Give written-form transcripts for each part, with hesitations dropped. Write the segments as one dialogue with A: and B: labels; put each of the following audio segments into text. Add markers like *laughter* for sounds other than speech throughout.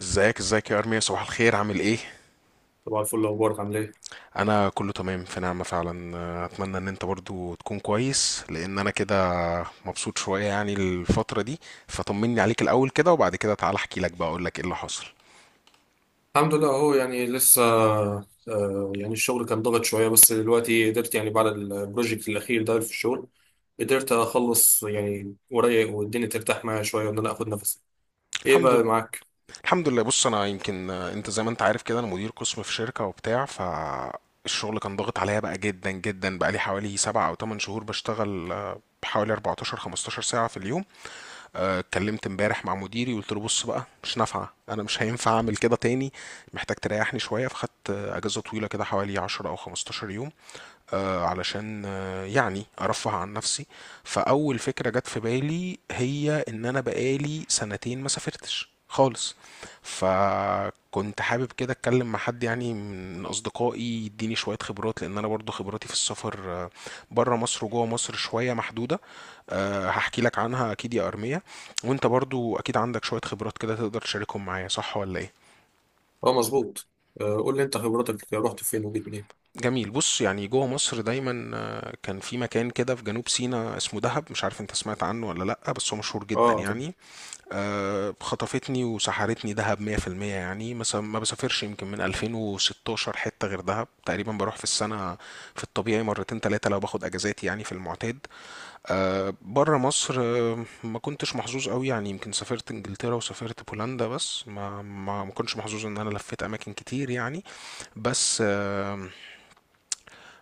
A: ازيك يا ارميا، صباح الخير، عامل ايه؟
B: طبعا الفل. اخبارك عامل ايه؟
A: انا كله تمام في نعمة فعلا. اتمنى ان انت برضو تكون كويس، لان انا كده مبسوط شوية يعني الفترة دي. فطمني عليك الاول كده وبعد كده تعال احكي لك بقى اقول لك ايه اللي حصل.
B: الحمد لله اهو، يعني لسه. يعني الشغل كان ضغط شويه، بس دلوقتي قدرت، يعني بعد البروجكت الاخير ده في الشغل قدرت اخلص يعني ورايا، والدنيا ترتاح معايا شويه، وان انا اخد نفسي. ايه
A: الحمد
B: بقى
A: لله
B: معاك؟
A: الحمد لله. بص، انا يمكن، انت زي ما انت عارف كده انا مدير قسم في شركة وبتاع. ف الشغل كان ضاغط عليا بقى جدا جدا، بقى لي حوالي سبع او 8 شهور بشتغل، بحوالي 14 15 ساعة في اليوم. اتكلمت امبارح مع مديري وقلت له بص بقى، مش نافعه، انا مش هينفع اعمل كده تاني، محتاج تريحني شويه. فخدت، اجازه طويله كده، حوالي 10 او 15 يوم، علشان يعني ارفه عن نفسي. فاول فكره جت في بالي هي ان انا بقالي سنتين ما سافرتش خالص. فكنت حابب كده اتكلم مع حد يعني من اصدقائي يديني شويه خبرات، لان انا برضو خبراتي في السفر بره مصر وجوه مصر شويه محدوده. هحكي لك عنها اكيد يا ارميه. وانت برضو اكيد عندك شويه خبرات كده تقدر تشاركهم معايا، صح ولا ايه؟
B: اه، مظبوط. قول لي انت، خبرتك رحت فين وجيت منين؟
A: جميل. بص، يعني جوه مصر دايما، كان في مكان كده في جنوب سيناء اسمه دهب، مش عارف انت سمعت عنه ولا لأ، بس هو مشهور جدا
B: اه، طب.
A: يعني. خطفتني وسحرتني دهب 100%. يعني مثلا ما بسافرش يمكن من 2016 حتة غير دهب، تقريبا بروح في السنة في الطبيعي مرتين تلاتة لو باخد اجازات يعني في المعتاد. بره مصر، ما كنتش محظوظ قوي، يعني يمكن سافرت انجلترا وسافرت بولندا، بس ما كنتش محظوظ ان انا لفيت اماكن كتير يعني. بس آه،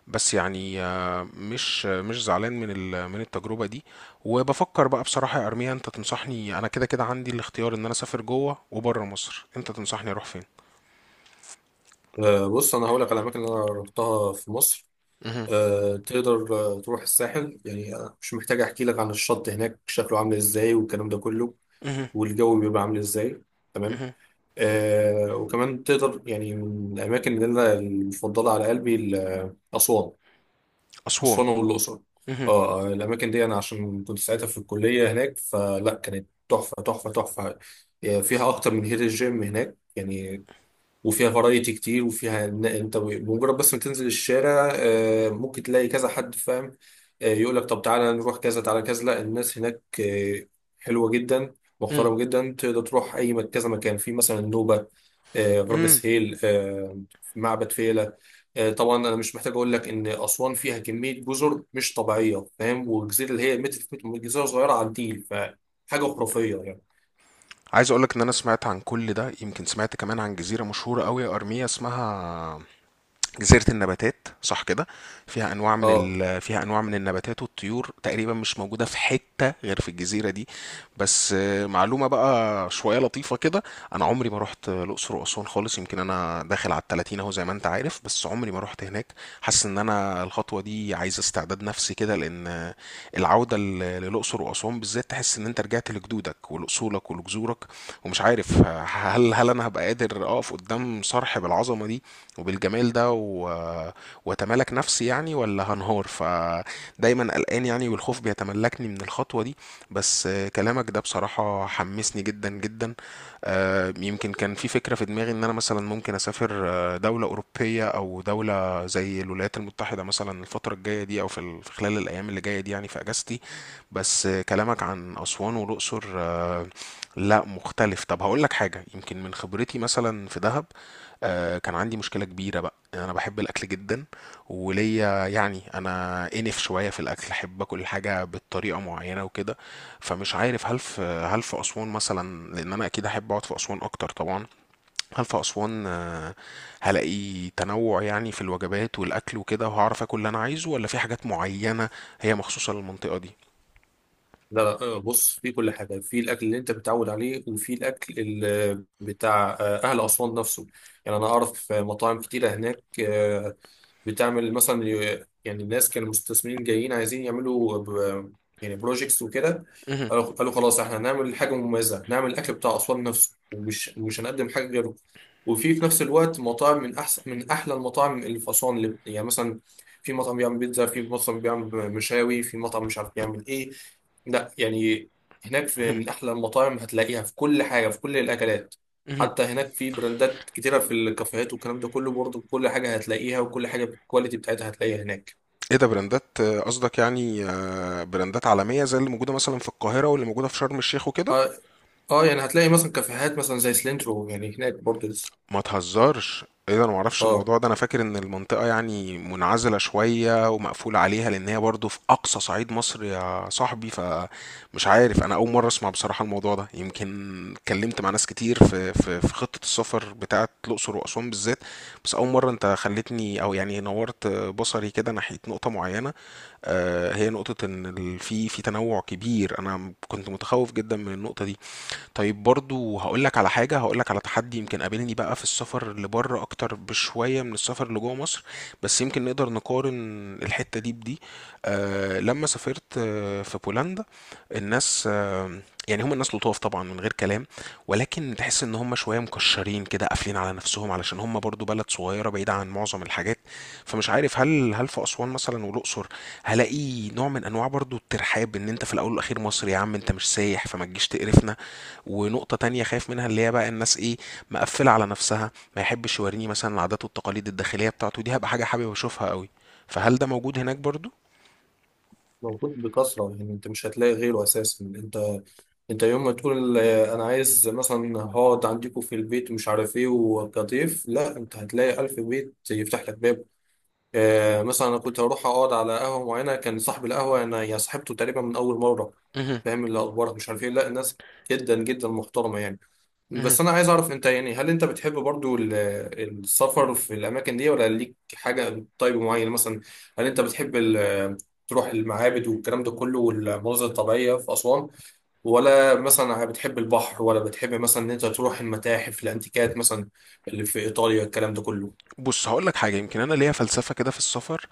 A: بس يعني مش زعلان من من التجربة دي. وبفكر بقى بصراحة يا أرميا، أنت تنصحني؟ أنا كده كده عندي الاختيار إن أنا أسافر جوه وبره مصر، أنت تنصحني أروح فين؟
B: بص، انا هقول لك على الاماكن اللي انا رحتها في مصر.
A: مهم.
B: تقدر تروح الساحل، يعني مش محتاج احكي لك عن الشط هناك شكله عامل ازاي والكلام ده كله،
A: مهم.
B: والجو بيبقى عامل ازاي. تمام.
A: مهم.
B: آه، وكمان تقدر يعني من الأماكن اللي أنا المفضلة على قلبي، أسوان.
A: أسوان.
B: أسوان والأقصر.
A: مهم.
B: اه، الأماكن دي أنا عشان كنت ساعتها في الكلية هناك، فلا، كانت تحفة تحفة تحفة، يعني فيها أكتر من هيد الجيم هناك يعني، وفيها فرايتي كتير، وفيها إن انت بمجرد بس ما تنزل الشارع ممكن تلاقي كذا حد، فاهم؟ يقول لك طب تعالى نروح كذا، تعالى كذا. لا، الناس هناك حلوة جدا،
A: مهم.
B: محترمة جدا. تقدر تروح اي كذا مكان، في مثلا النوبة، غرب
A: مهم.
B: سهيل، معبد فيلة. طبعا انا مش محتاج اقول لك ان اسوان فيها كمية جزر مش طبيعية، فاهم؟ والجزيرة اللي هي متر في متر، جزيرة صغيرة على النيل، فحاجة خرافية يعني.
A: عايز أقولك إن أنا سمعت عن كل ده، يمكن سمعت كمان عن جزيرة مشهورة أوي يا أرميا اسمها جزيرة النباتات، صح كده؟ فيها انواع من
B: اه.
A: فيها انواع من النباتات والطيور تقريبا مش موجودة في حتة غير في الجزيرة دي. بس معلومة بقى شوية لطيفة كده، انا عمري ما رحت الاقصر واسوان خالص. يمكن انا داخل على التلاتين اهو زي ما انت عارف، بس عمري ما رحت هناك. حاسس ان انا الخطوة دي عايزة استعداد نفسي كده، لان العودة للأقصر وأسوان بالذات تحس إن أنت رجعت لجدودك ولأصولك ولجذورك. ومش عارف *laughs* هل أنا هبقى قادر أقف قدام صرح بالعظمة دي وبالجمال ده وأتمالك نفسي يعني، ولا هنهار؟ فدايما قلقان يعني، والخوف بيتملكني من الخطوة دي. بس كلامك ده بصراحة حمسني جدا جدا. يمكن كان في فكرة في دماغي إن أنا مثلا ممكن أسافر، دولة أوروبية أو دولة زي الولايات المتحدة مثلا، الفترة الجاية دي أو في في خلال الأيام اللي جاية دي يعني في أجازتي. بس كلامك عن أسوان والأقصر، لا مختلف. طب هقول لك حاجة، يمكن من خبرتي مثلا في دهب، كان عندي مشكلة كبيرة بقى، أنا بحب الأكل جدا وليا يعني، أنا إنف شوية في الأكل، أحب أكل حاجة بالطريقة معينة وكده. فمش عارف، هل في أسوان مثلا، لأن أنا أكيد أحب أقعد في أسوان أكتر طبعا، هل في أسوان، هلاقي تنوع يعني في الوجبات والأكل وكده، وهعرف آكل اللي أنا عايزه، ولا في حاجات معينة هي مخصوصة للمنطقة دي؟
B: لا. بص، في كل حاجة، في الأكل اللي أنت متعود عليه، وفي الأكل بتاع أهل أسوان نفسه. يعني أنا أعرف مطاعم كتيرة هناك، بتعمل مثلا، يعني الناس كانوا مستثمرين جايين عايزين يعملوا يعني بروجيكتس وكده.
A: مهم،
B: قالوا خلاص احنا هنعمل حاجه مميزه، هنعمل الاكل بتاع اسوان نفسه، ومش مش هنقدم حاجه غيره. وفي نفس الوقت مطاعم من احسن، من احلى المطاعم اللي في اسوان، اللي يعني مثلا في مطعم بيعمل بيتزا، في مطعم بيعمل مشاوي، في مطعم مش عارف بيعمل ايه. لا، يعني هناك في
A: مهم،
B: من احلى المطاعم، هتلاقيها في كل حاجه، في كل الاكلات.
A: مهم.
B: حتى هناك في براندات كتيرة في الكافيهات والكلام ده كله برضه. كل حاجة هتلاقيها، وكل حاجة بالكواليتي بتاعتها هتلاقيها هناك.
A: إيه ده، براندات؟ قصدك يعني براندات عالمية زي اللي موجودة مثلا في القاهرة واللي موجودة في شرم الشيخ وكده؟
B: اه. آه، يعني هتلاقي مثلا كافيهات مثلا زي سلينترو، يعني هناك برضه لسه.
A: ما تهزرش، ايه ده، انا معرفش
B: اه،
A: الموضوع ده، انا فاكر ان المنطقة يعني منعزلة شوية ومقفول عليها، لان هي برضو في اقصى صعيد مصر يا صاحبي. فمش عارف، انا اول مرة اسمع بصراحة الموضوع ده، يمكن اتكلمت مع ناس كتير في في خطة السفر بتاعة الاقصر واسوان بالذات. بس اول مرة انت خلتني او يعني نورت بصري كده ناحية نقطة معينة، هي نقطة ان في تنوع كبير. انا كنت متخوف جدا من النقطة دي. طيب برضو هقولك على حاجة، هقولك على تحدي يمكن قابلني بقى في السفر لبره أكتر بشوية من السفر اللي جوه مصر، بس يمكن نقدر نقارن الحتة دي بدي. آه، لما سافرت آه في بولندا، الناس آه، يعني هم الناس لطاف طبعا من غير كلام، ولكن تحس ان هم شويه مكشرين كده قافلين على نفسهم، علشان هم برضو بلد صغيره بعيده عن معظم الحاجات. فمش عارف، هل في اسوان مثلا والاقصر هلاقي نوع من انواع برضو الترحاب، ان انت في الاول والاخير مصري يا عم انت مش سايح فما تجيش تقرفنا. ونقطة تانية خايف منها اللي هي بقى، الناس ايه، مقفلة على نفسها، ما يحبش يوريني مثلا العادات والتقاليد الداخلية بتاعته دي، هبقى حاجة حابب اشوفها قوي. فهل ده موجود هناك برضو؟
B: موجود بكثرة. يعني انت مش هتلاقي غيره اساسا. انت يوم ما تقول انا عايز مثلا هقعد عندكم في البيت ومش عارف ايه وكضيف، لا، انت هتلاقي الف بيت يفتح لك باب. مثلا انا كنت هروح اقعد على قهوه معينه، كان صاحب القهوه انا يا صاحبته تقريبا من اول مره،
A: مهم.
B: فاهم؟ اللي اخبارك مش عارف ايه. لا، الناس جدا جدا محترمه يعني.
A: مهم.
B: بس انا عايز اعرف انت، يعني هل انت بتحب برضو السفر في الاماكن دي، ولا ليك حاجه طيب معينه مثلا؟ هل انت بتحب تروح المعابد والكلام ده كله والمناظر الطبيعيه في اسوان، ولا مثلا بتحب البحر، ولا بتحب مثلا ان انت تروح المتاحف، الانتيكات مثلا اللي في ايطاليا، الكلام ده كله؟
A: بص، هقول لك حاجة، يمكن أنا ليا فلسفة كده في السفر،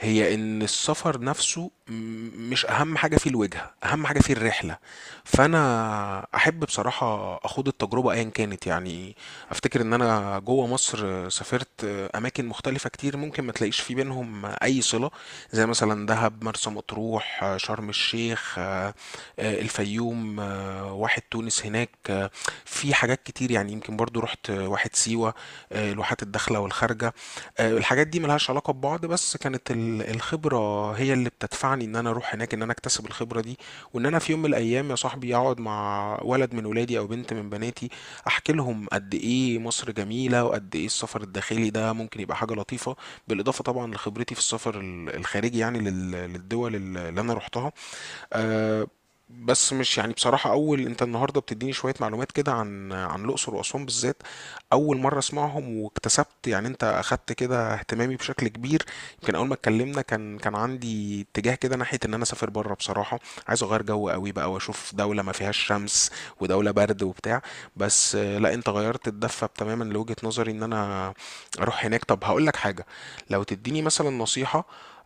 A: هي إن السفر نفسه مش أهم حاجة فيه الوجهة، أهم حاجة فيه الرحلة. فأنا أحب بصراحة أخوض التجربة أيا كانت يعني. أفتكر إن أنا جوه مصر سافرت أماكن مختلفة كتير، ممكن ما تلاقيش في بينهم أي صلة، زي مثلا دهب، مرسى مطروح، شرم الشيخ، الفيوم، واحد تونس هناك، في حاجات كتير يعني. يمكن برضو رحت واحد سيوة، الواحات الداخله والخارجه. الحاجات دي ملهاش علاقه ببعض، بس كانت الخبره هي اللي بتدفعني ان انا اروح هناك، ان انا اكتسب الخبره دي. وان انا في يوم من الايام يا صاحبي اقعد مع ولد من ولادي او بنت من بناتي، احكي لهم قد ايه مصر جميله وقد ايه السفر الداخلي ده ممكن يبقى حاجه لطيفه، بالاضافه طبعا لخبرتي في السفر الخارجي يعني للدول اللي انا رحتها. آه. بس مش يعني، بصراحة أول أنت النهاردة بتديني شوية معلومات كده عن الأقصر وأسوان بالذات، أول مرة أسمعهم، واكتسبت يعني أنت أخدت كده اهتمامي بشكل كبير. يمكن أول ما اتكلمنا كان عندي اتجاه كده ناحية إن أنا أسافر بره بصراحة، عايز أغير جو قوي بقى وأشوف دولة ما فيهاش شمس ودولة برد وبتاع. بس لا أنت غيرت الدفة تماما لوجهة نظري إن أنا أروح هناك. طب هقول لك حاجة، لو تديني مثلا نصيحة،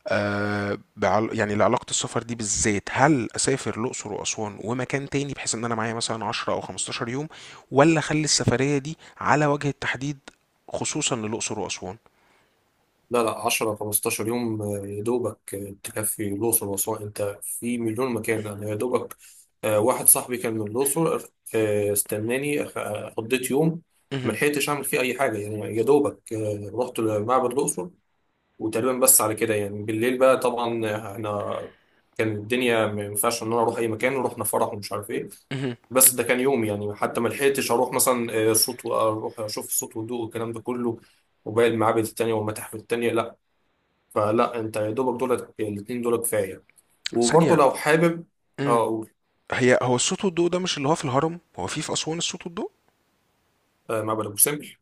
A: يعني لعلاقة السفر دي بالذات، هل أسافر الأقصر وأسوان ومكان تاني بحيث إن أنا معايا مثلا 10 أو 15 يوم، ولا أخلي السفرية دي على وجه التحديد خصوصا للأقصر وأسوان؟
B: لا. 10 15 يوم، يا دوبك تكفي الأقصر وأسوان. أنت في مليون مكان. أنا يا دوبك، واحد صاحبي كان من الأقصر، استناني، قضيت يوم ما
A: مهم.
B: لحقتش أعمل فيه أي حاجة، يعني يا دوبك رحت لمعبد الأقصر وتقريبا بس على كده، يعني بالليل بقى طبعا إحنا كان الدنيا ما ينفعش إن أنا أروح أي مكان، ورحنا فرح ومش عارف إيه.
A: مهم.
B: بس ده كان يوم، يعني حتى ما لحقتش اروح مثلا صوت، واروح اشوف الصوت والضوء والكلام ده كله وباقي المعابد التانية والمتاحف التانية، لا. فلا، انت يا دوبك دولت الاثنين دول كفايه. وبرضه
A: ثانية.
B: لو حابب، اه،
A: مم.
B: اقول.
A: هي، هو الصوت والضوء ده مش اللي هو في الهرم؟ هو في أسوان الصوت والضوء؟
B: آه، معبد ابو سمبل.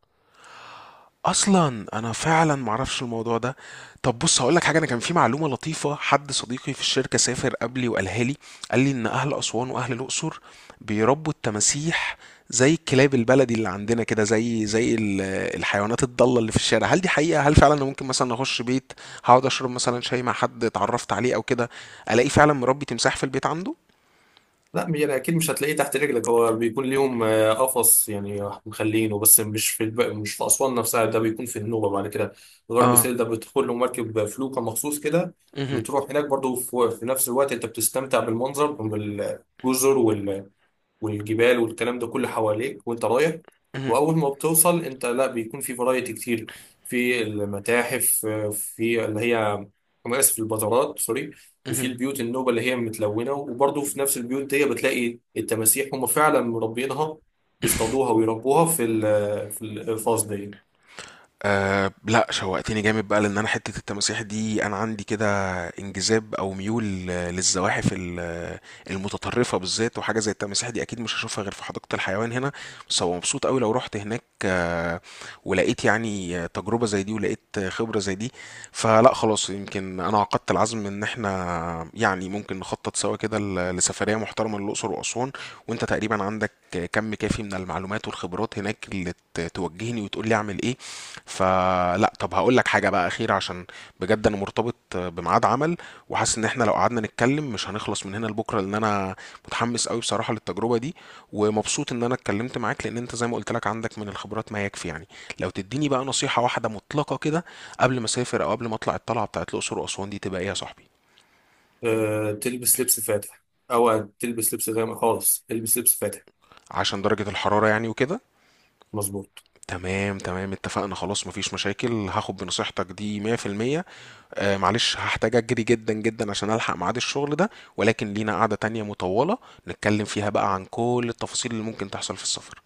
A: اصلا انا فعلا معرفش الموضوع ده. طب بص هقولك حاجه، انا كان في معلومه لطيفه، حد صديقي في الشركه سافر قبلي وقالها لي، قال لي ان اهل اسوان واهل الاقصر بيربوا التماسيح زي الكلاب البلدي اللي عندنا كده، زي الحيوانات الضاله اللي في الشارع. هل دي حقيقه؟ هل فعلا انا ممكن مثلا اخش بيت، هقعد اشرب مثلا شاي مع حد اتعرفت عليه او كده، الاقي فعلا مربي تمساح في البيت عنده؟
B: لا، يعني اكيد مش هتلاقيه تحت رجلك، هو بيكون ليهم قفص يعني مخلينه، بس مش في مش في اسوان نفسها، ده بيكون في النوبه بعد كده، غرب
A: اه.
B: سهيل. ده بتدخل له مركب، فلوكه مخصوص كده،
A: مهم.
B: بتروح هناك. برضه في نفس الوقت انت بتستمتع بالمنظر، بالجزر والجبال والكلام ده كله حواليك وانت رايح.
A: مهم.
B: واول ما بتوصل انت، لا، بيكون في فرايتي كتير، في المتاحف، في اللي هي، انا اسف، البازارات، سوري. وفي
A: مهم.
B: البيوت النوبه اللي هي متلونه، وبرضه في نفس البيوت دي بتلاقي التماسيح، هم فعلا مربينها، بيصطادوها ويربوها في في الفاز دي.
A: أه لا شوقتني جامد بقى، لان انا حته التماسيح دي انا عندي كده انجذاب او ميول للزواحف المتطرفه بالذات، وحاجه زي التماسيح دي اكيد مش هشوفها غير في حديقه الحيوان هنا. بس هو مبسوط قوي لو رحت هناك، ولقيت يعني تجربه زي دي ولقيت خبره زي دي. فلا خلاص، يمكن انا عقدت العزم ان احنا يعني ممكن نخطط سوا كده لسفريه محترمه للاقصر واسوان. وانت تقريبا عندك كم كافي من المعلومات والخبرات هناك اللي توجهني وتقول لي اعمل ايه. فلا طب هقول لك حاجة بقى أخيرة، عشان بجد أنا مرتبط بميعاد عمل، وحاسس إن إحنا لو قعدنا نتكلم مش هنخلص من هنا لبكرة، لأن أنا متحمس قوي بصراحة للتجربة دي، ومبسوط إن أنا اتكلمت معاك، لأن أنت زي ما قلت لك عندك من الخبرات ما يكفي يعني. لو تديني بقى نصيحة واحدة مطلقة كده، قبل ما أسافر أو قبل ما أطلع الطلعة بتاعت الأقصر وأسوان دي، تبقى إيه يا صاحبي؟
B: أه، تلبس لبس فاتح. او تلبس لبس غامق؟ خالص تلبس لبس فاتح.
A: عشان درجة الحرارة يعني وكده؟
B: مظبوط.
A: تمام تمام، اتفقنا خلاص مفيش مشاكل، هاخد بنصيحتك دي 100%. آه معلش، هحتاج اجري جدا جدا عشان الحق ميعاد الشغل ده، ولكن لينا قعدة تانية مطولة نتكلم فيها بقى عن كل التفاصيل اللي ممكن تحصل في السفر.